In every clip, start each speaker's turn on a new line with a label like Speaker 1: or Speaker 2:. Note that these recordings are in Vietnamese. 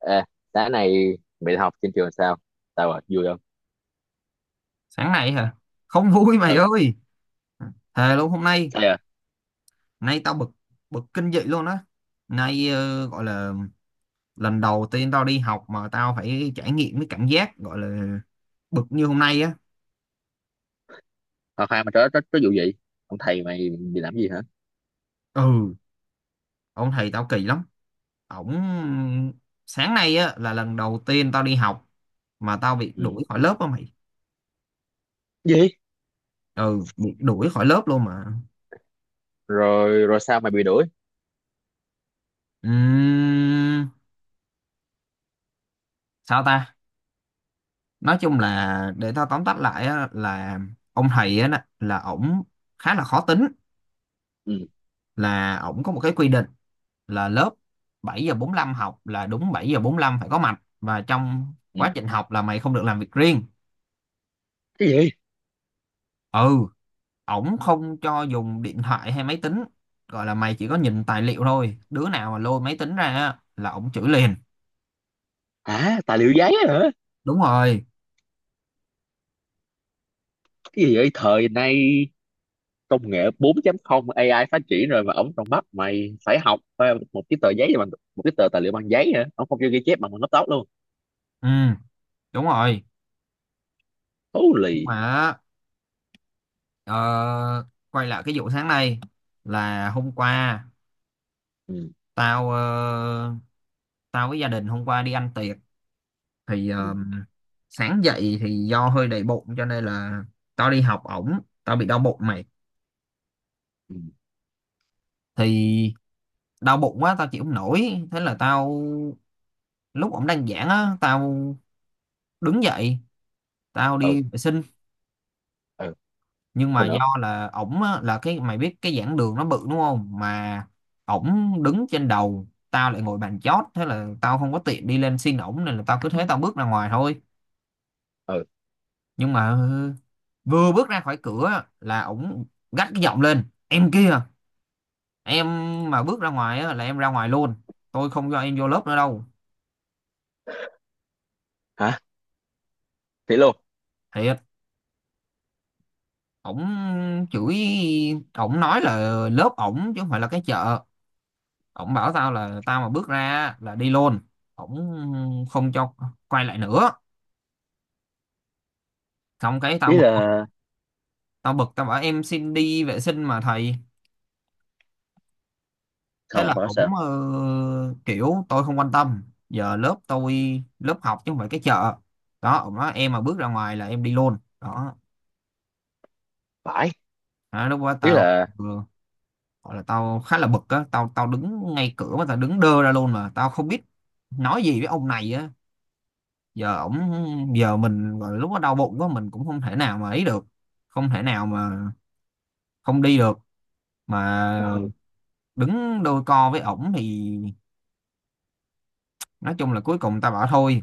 Speaker 1: Ê, sáng nay mày học trên trường sao? Sao à? Vui không?
Speaker 2: Sáng nay hả? Không vui mày
Speaker 1: Ừ,
Speaker 2: ơi. Thề luôn hôm nay,
Speaker 1: sao à?
Speaker 2: nay tao bực, bực kinh dị luôn á. Nay gọi là lần đầu tiên tao đi học mà tao phải trải nghiệm cái cảm giác gọi là bực như hôm nay á.
Speaker 1: Khoan khoan, mà có vụ gì? Ông thầy mày bị làm gì hả?
Speaker 2: Ừ, ông thầy tao kỳ lắm, ổng sáng nay á là lần đầu tiên tao đi học mà tao bị
Speaker 1: Ừ.
Speaker 2: đuổi khỏi lớp á mày.
Speaker 1: Gì?
Speaker 2: Ừ, bị đuổi khỏi lớp luôn mà.
Speaker 1: Rồi rồi, sao mày bị đuổi?
Speaker 2: Ừm, Sao ta, nói chung là để tao tóm tắt lại á, là ông thầy á nè, là ổng khá là khó tính,
Speaker 1: Ừ.
Speaker 2: là ổng có một cái quy định là lớp 7:45 học, là đúng 7:45 phải có mặt, và trong
Speaker 1: Ừ.
Speaker 2: quá trình học là mày không được làm việc riêng.
Speaker 1: Cái gì?
Speaker 2: Ừ, ổng không cho dùng điện thoại hay máy tính, gọi là mày chỉ có nhìn tài liệu thôi, đứa nào mà lôi máy tính ra á là ổng chửi liền.
Speaker 1: Hả? Tài liệu giấy hả?
Speaker 2: Đúng rồi.
Speaker 1: Cái gì vậy? Thời nay công nghệ 4.0, AI phát triển rồi mà ổng còn bắt mày phải học một cái tờ giấy bằng một cái tờ tài liệu bằng giấy hả? Ổng không cho ghi chép bằng bằng laptop luôn.
Speaker 2: Ừ, đúng rồi. Nhưng
Speaker 1: Holy.
Speaker 2: mà ờ, quay lại cái vụ sáng nay, là hôm qua
Speaker 1: Ừ.
Speaker 2: tao ờ, tao với gia đình hôm qua đi ăn tiệc. Thì
Speaker 1: Ừ.
Speaker 2: sáng dậy thì do hơi đầy bụng cho nên là tao đi học ổng tao bị đau bụng mày.
Speaker 1: Ừ.
Speaker 2: Thì đau bụng quá tao chịu không nổi, thế là tao, lúc ổng đang giảng á tao đứng dậy tao
Speaker 1: Ừ.
Speaker 2: đi vệ sinh.
Speaker 1: Ừ.
Speaker 2: Nhưng
Speaker 1: Thôi
Speaker 2: mà
Speaker 1: nữa.
Speaker 2: do là ổng á, là cái mày biết cái giảng đường nó bự đúng không mà, ổng đứng trên đầu tao lại ngồi bàn chót, thế là tao không có tiện đi lên xin ổng nên là tao cứ thế tao bước ra ngoài thôi.
Speaker 1: Ừ.
Speaker 2: Nhưng mà vừa bước ra khỏi cửa là ổng gắt cái giọng lên: "Em kia, em mà bước ra ngoài á là em ra ngoài luôn, tôi không cho em vô lớp nữa đâu."
Speaker 1: Hả? Thế luôn.
Speaker 2: Thiệt. Ổng chửi, ổng nói là lớp ổng chứ không phải là cái chợ. Ổng bảo tao là tao mà bước ra á là đi luôn, ổng không cho quay lại nữa. Xong cái tao
Speaker 1: Ý
Speaker 2: bực.
Speaker 1: là
Speaker 2: Tao bảo em xin đi vệ sinh mà thầy. Thế
Speaker 1: không, không
Speaker 2: là
Speaker 1: phải sao?
Speaker 2: cũng kiểu tôi không quan tâm, giờ lớp tôi, lớp học chứ không phải cái chợ đó, ổng nói em mà bước ra ngoài là em đi luôn đó.
Speaker 1: Phải,
Speaker 2: Đó, lúc đó
Speaker 1: ý
Speaker 2: tao
Speaker 1: là
Speaker 2: vừa gọi là tao khá là bực á. Tao tao đứng ngay cửa mà tao đứng đơ ra luôn, mà tao không biết nói gì với ông này á. Giờ ổng, giờ mình gọi là lúc đó đau bụng quá mình cũng không thể nào mà ấy được, không thể nào mà không đi được mà
Speaker 1: ừ,
Speaker 2: đứng đôi co với ổng thì nói chung là cuối cùng tao bảo thôi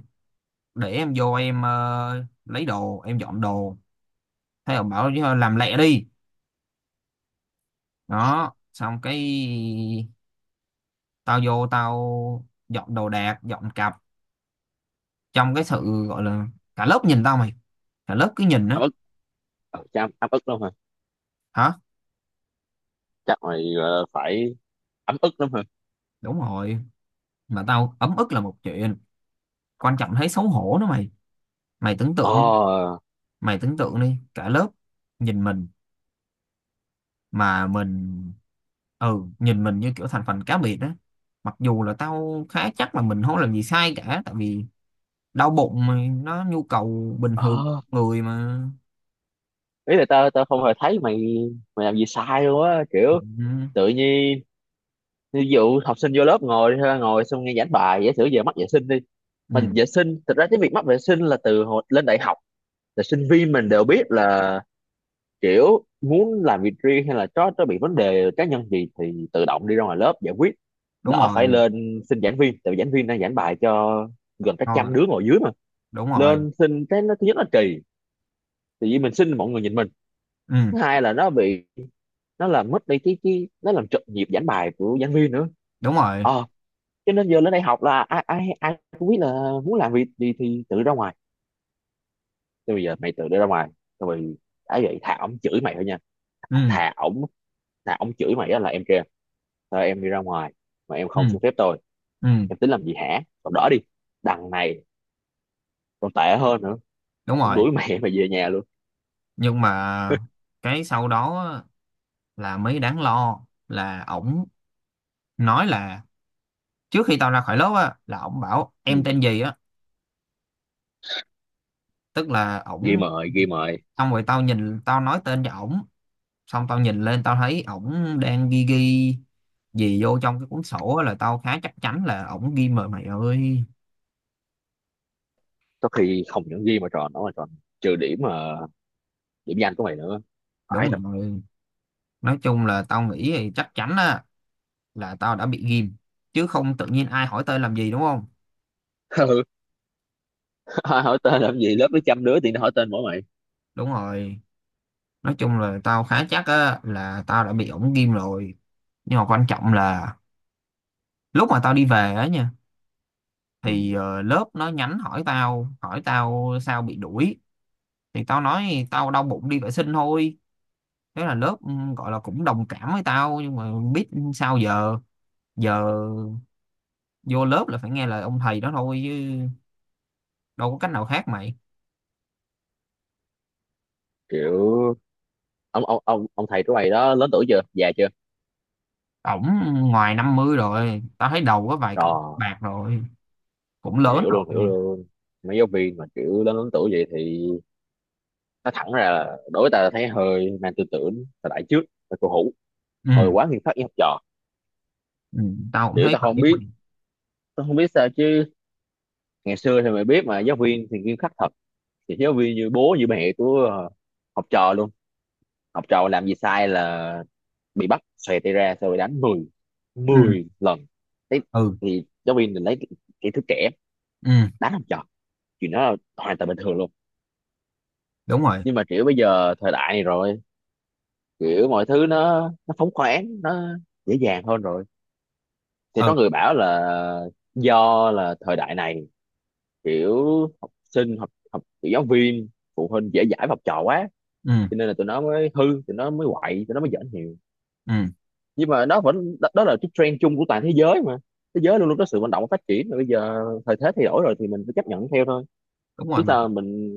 Speaker 2: để em vô em lấy đồ em dọn đồ. Thế là bảo "Chứ làm lẹ đi." Đó xong cái tao vô tao dọn đồ đạc dọn cặp trong cái sự gọi là cả lớp nhìn tao mày, cả lớp cứ nhìn á.
Speaker 1: ấm ức. Ừ, chắc ấm ấm ức lắm hả?
Speaker 2: Hả?
Speaker 1: Chắc mày phải ấm ức lắm hả?
Speaker 2: Đúng rồi, mà tao ấm ức là một chuyện, quan trọng thấy xấu hổ nữa mày. Mày tưởng tượng,
Speaker 1: Ờ.
Speaker 2: mày tưởng tượng đi, cả lớp nhìn mình mà mình, ừ, nhìn mình như kiểu thành phần cá biệt đó, mặc dù là tao khá chắc là mình không làm gì sai cả, tại vì đau bụng mà, nó nhu cầu bình thường của
Speaker 1: Ờ,
Speaker 2: người mà.
Speaker 1: ý là tao tao không hề thấy mày mày làm gì sai luôn á, kiểu
Speaker 2: Ừ.
Speaker 1: tự nhiên. Ví dụ học sinh vô lớp ngồi ha, ngồi xong nghe giảng bài, giả sử giờ mắc vệ sinh đi, mà
Speaker 2: Ừ,
Speaker 1: vệ sinh thực ra cái việc mắc vệ sinh là từ hồi lên đại học, là sinh viên mình đều biết là kiểu muốn làm việc riêng hay là có bị vấn đề cá nhân gì thì tự động đi ra ngoài lớp giải quyết,
Speaker 2: đúng
Speaker 1: đỡ phải
Speaker 2: rồi.
Speaker 1: lên xin giảng viên, tại vì giảng viên đang giảng bài cho gần cả
Speaker 2: Thôi,
Speaker 1: trăm đứa ngồi dưới mà.
Speaker 2: đúng rồi.
Speaker 1: Lên xin cái nó thứ nhất là kỳ, tự nhiên mình xin mọi người nhìn mình.
Speaker 2: Ừ,
Speaker 1: Thứ hai là nó bị, nó làm mất đi cái nó làm trật nhịp giảng bài của giảng viên nữa.
Speaker 2: đúng rồi.
Speaker 1: Ờ, cho nên giờ lên đây học là ai ai ai cũng biết là muốn làm việc gì thì tự ra ngoài. Thế bây giờ mày tự đi ra ngoài rồi, đã vậy thà ổng chửi mày thôi nha.
Speaker 2: Ừ.
Speaker 1: Thà ổng, thà ổng chửi mày á là "em kia, thôi em đi ra ngoài mà em
Speaker 2: Ừ.
Speaker 1: không xin phép tôi,
Speaker 2: Ừ,
Speaker 1: em tính làm gì hả" còn đỡ đi. Đằng này còn tệ hơn nữa,
Speaker 2: đúng
Speaker 1: cũng
Speaker 2: rồi.
Speaker 1: đuổi mẹ mà về nhà luôn.
Speaker 2: Nhưng mà cái sau đó á, là mới đáng lo, là ổng nói là trước khi tao ra khỏi lớp á là ổng bảo em
Speaker 1: Ừ.
Speaker 2: tên gì á. Tức là
Speaker 1: Ghi
Speaker 2: ổng,
Speaker 1: mời, ghi mời.
Speaker 2: xong rồi tao nhìn tao nói tên cho ổng, xong tao nhìn lên tao thấy ổng đang ghi ghi gì vô trong cái cuốn sổ á, là tao khá chắc chắn là ổng ghi mờ mày ơi.
Speaker 1: Có khi không những ghi mà tròn, nó mà tròn trừ điểm mà, điểm danh của mày nữa. Phải thật.
Speaker 2: Đúng rồi. Nói chung là tao nghĩ thì chắc chắn á, là tao đã bị ghim, chứ không tự nhiên ai hỏi tên làm gì đúng không.
Speaker 1: Ừ. Hỏi tên làm gì, lớp nó trăm đứa thì nó hỏi tên mỗi mày.
Speaker 2: Đúng rồi. Nói chung là tao khá chắc á, là tao đã bị ổng ghim rồi. Nhưng mà quan trọng là lúc mà tao đi về á nha,
Speaker 1: Ừ.
Speaker 2: thì lớp nó nhắn hỏi tao sao bị đuổi. Thì tao nói tao đau bụng đi vệ sinh thôi. Thế là lớp gọi là cũng đồng cảm với tao, nhưng mà biết sao giờ giờ vô lớp là phải nghe lời ông thầy đó thôi chứ đâu có cách nào khác mày.
Speaker 1: Kiểu ông thầy của mày đó lớn tuổi chưa, già chưa?
Speaker 2: Ổng ngoài 50 rồi, tao thấy đầu có vài cọng
Speaker 1: Rồi.
Speaker 2: bạc rồi, cũng lớn
Speaker 1: Hiểu luôn, hiểu
Speaker 2: rồi.
Speaker 1: luôn. Mấy giáo viên mà kiểu lớn lớn tuổi vậy thì nó thẳng ra là đối với ta là thấy hơi mang tư tưởng thời đại trước, là cổ hủ, hồi
Speaker 2: Ừ.
Speaker 1: quá nghiêm khắc với học trò.
Speaker 2: Ừ, tao cũng
Speaker 1: Kiểu
Speaker 2: thấy
Speaker 1: tao
Speaker 2: vậy
Speaker 1: không
Speaker 2: á
Speaker 1: biết,
Speaker 2: mày.
Speaker 1: tao không biết sao chứ, ngày xưa thì mày biết mà, giáo viên thì nghiêm khắc thật, thì giáo viên như bố như mẹ của học trò luôn. Học trò làm gì sai là bị bắt xòe tay ra xong rồi đánh 10,
Speaker 2: Ừ.
Speaker 1: mười lần. Thế
Speaker 2: Ừ.
Speaker 1: thì giáo viên mình lấy cái thứ trẻ
Speaker 2: Ừ,
Speaker 1: đánh học trò, chuyện đó là hoàn toàn bình thường luôn.
Speaker 2: đúng rồi.
Speaker 1: Nhưng mà kiểu bây giờ thời đại này rồi, kiểu mọi thứ nó phóng khoáng, nó dễ dàng hơn rồi, thì
Speaker 2: Ừ.
Speaker 1: có người bảo là do là thời đại này, kiểu học sinh học học kiểu giáo viên phụ huynh dễ dãi với học trò quá,
Speaker 2: Ừ.
Speaker 1: cho nên là tụi nó mới hư, tụi nó mới quậy, tụi nó mới giỡn nhiều,
Speaker 2: Ừ,
Speaker 1: nhưng mà nó vẫn đó, đó là cái trend chung của toàn thế giới mà. Thế giới luôn luôn có sự vận động và phát triển mà, bây giờ thời thế thay đổi rồi thì mình phải chấp nhận theo thôi,
Speaker 2: đúng
Speaker 1: chứ
Speaker 2: rồi mày.
Speaker 1: sao mình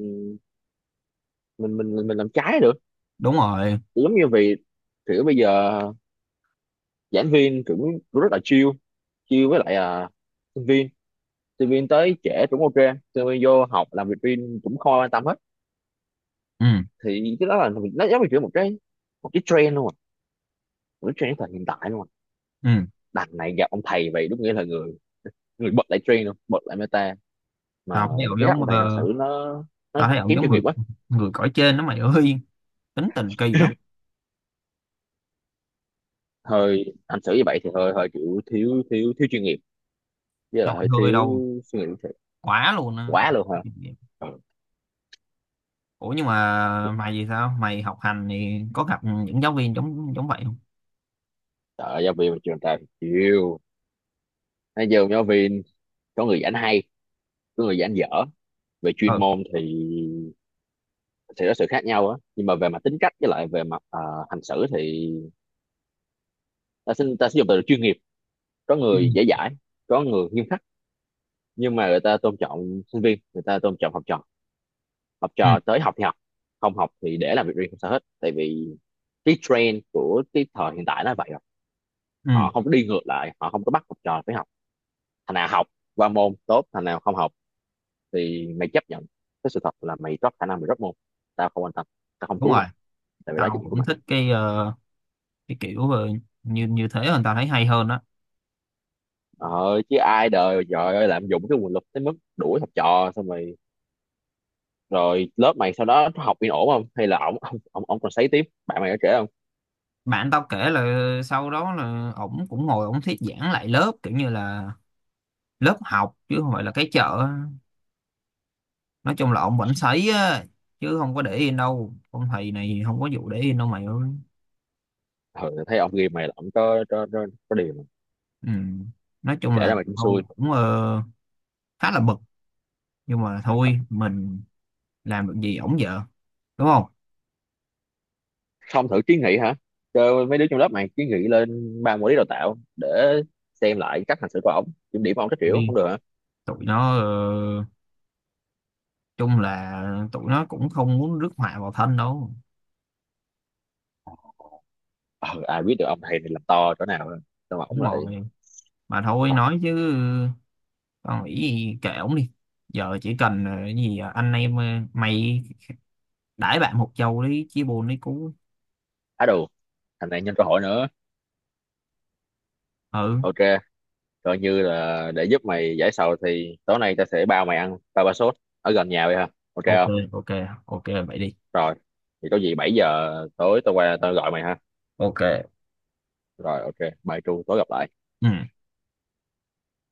Speaker 1: mình làm trái được.
Speaker 2: Đúng rồi.
Speaker 1: Thì giống như vì kiểu bây giờ giảng viên cũng cũng rất là chill, chill với lại à, sinh viên, sinh viên tới trễ cũng ok, sinh viên vô học làm việc riêng cũng không ai quan tâm hết,
Speaker 2: Ừ.
Speaker 1: thì cái đó là mình nó giống như kiểu một cái, một cái trend luôn à, một cái trend thời hiện tại luôn à.
Speaker 2: Ừ.
Speaker 1: Đằng này gặp ông thầy vậy đúng nghĩa là người, người bật lại trend luôn, bật lại meta mà.
Speaker 2: tao thấy ổng
Speaker 1: Cái cách
Speaker 2: giống
Speaker 1: ông thầy hành
Speaker 2: ờ,
Speaker 1: xử
Speaker 2: Tao
Speaker 1: nó
Speaker 2: thấy ổng
Speaker 1: kém
Speaker 2: giống
Speaker 1: chuyên nghiệp
Speaker 2: người
Speaker 1: quá.
Speaker 2: người cõi trên đó mày ơi, tính tình kỳ lắm.
Speaker 1: Hơi hành xử như vậy thì hơi hơi kiểu thiếu thiếu thiếu chuyên nghiệp, với là
Speaker 2: Không,
Speaker 1: hơi
Speaker 2: hơi
Speaker 1: thiếu
Speaker 2: đâu.
Speaker 1: suy nghĩ thiệt.
Speaker 2: Quá luôn á, quá.
Speaker 1: Quá luôn hả? Ừ.
Speaker 2: Ủa nhưng mà mày thì sao, mày học hành thì có gặp những giáo viên giống giống vậy không?
Speaker 1: Trời ơi, giáo viên mà trường ta thì chịu. Nói giờ giáo viên có người giảng hay, có người giảng dở về chuyên
Speaker 2: Ừ.
Speaker 1: môn thì sẽ có sự khác nhau á, nhưng mà về mặt tính cách với lại về mặt hành xử thì ta xin ta sử dụng từ chuyên nghiệp. Có
Speaker 2: Ừ.
Speaker 1: người dễ dãi, có người nghiêm khắc, nhưng mà người ta tôn trọng sinh viên, người ta tôn trọng học trò. Học
Speaker 2: Ừ.
Speaker 1: trò tới học thì học, không học thì để làm việc riêng không sao hết, tại vì cái trend của cái thời hiện tại nó vậy rồi.
Speaker 2: Ừ,
Speaker 1: Họ không có đi ngược lại, họ không có bắt học trò phải học. Thằng nào học qua môn tốt, thằng nào không học thì mày chấp nhận cái sự thật là mày drop khả năng, mày drop môn. Tao không quan tâm, tao không
Speaker 2: đúng
Speaker 1: cứu
Speaker 2: rồi.
Speaker 1: mày, tại vì đó là
Speaker 2: Tao
Speaker 1: trách nhiệm của
Speaker 2: cũng
Speaker 1: mày.
Speaker 2: thích cái cái kiểu như như thế hơn, tao thấy hay hơn đó.
Speaker 1: Ờ chứ ai đời, trời ơi, lạm dụng cái nguồn lực tới mức đuổi học trò, xong rồi rồi lớp mày sau đó nó học yên ổn không, hay là ổng ông còn sấy tiếp, bạn mày có kể không?
Speaker 2: Bạn tao kể là sau đó là ổng cũng ngồi ổng thuyết giảng lại lớp kiểu như là lớp học chứ không phải là cái chợ. Nói chung là ổng vẫn sấy á, chứ không có để yên đâu, ông thầy này không có vụ để yên đâu mày ơi.
Speaker 1: Ừ, thấy ông ghi mày là ổng có điều mà.
Speaker 2: Ừ. Nói chung
Speaker 1: Kể
Speaker 2: là
Speaker 1: ra mày cũng
Speaker 2: tao
Speaker 1: xui.
Speaker 2: cũng khá là bực, nhưng mà thôi mình làm được gì ổng vợ đúng không.
Speaker 1: Không thử kiến nghị hả, cho mấy đứa trong lớp mày kiến nghị lên ban quản lý đào tạo để xem lại cách hành xử của ổng, kiểm điểm ông các kiểu
Speaker 2: Vì
Speaker 1: không được hả?
Speaker 2: tụi nó chung là tụi nó cũng không muốn rước họa vào thân đâu.
Speaker 1: Ờ, Ai biết được ông thầy này làm to chỗ nào, sao mà
Speaker 2: Đúng
Speaker 1: ổng lại
Speaker 2: rồi. Mà thôi
Speaker 1: thôi.
Speaker 2: nói chứ con nghĩ gì kệ ổng đi. Giờ chỉ cần cái gì anh em mày đãi bạn một chầu đi, chia buồn đi cú.
Speaker 1: Á đù, thằng này nhân cơ hội nữa.
Speaker 2: Ừ.
Speaker 1: Ok, coi như là để giúp mày giải sầu thì tối nay tao sẽ bao mày ăn ba ba sốt ở gần nhà vậy hả, ok
Speaker 2: OK.
Speaker 1: không?
Speaker 2: OK. OK vậy đi.
Speaker 1: Rồi thì có gì 7 giờ tối tao qua tao gọi mày ha.
Speaker 2: OK.
Speaker 1: Rồi, ok. Bye Tru, tối gặp lại.
Speaker 2: Ừ.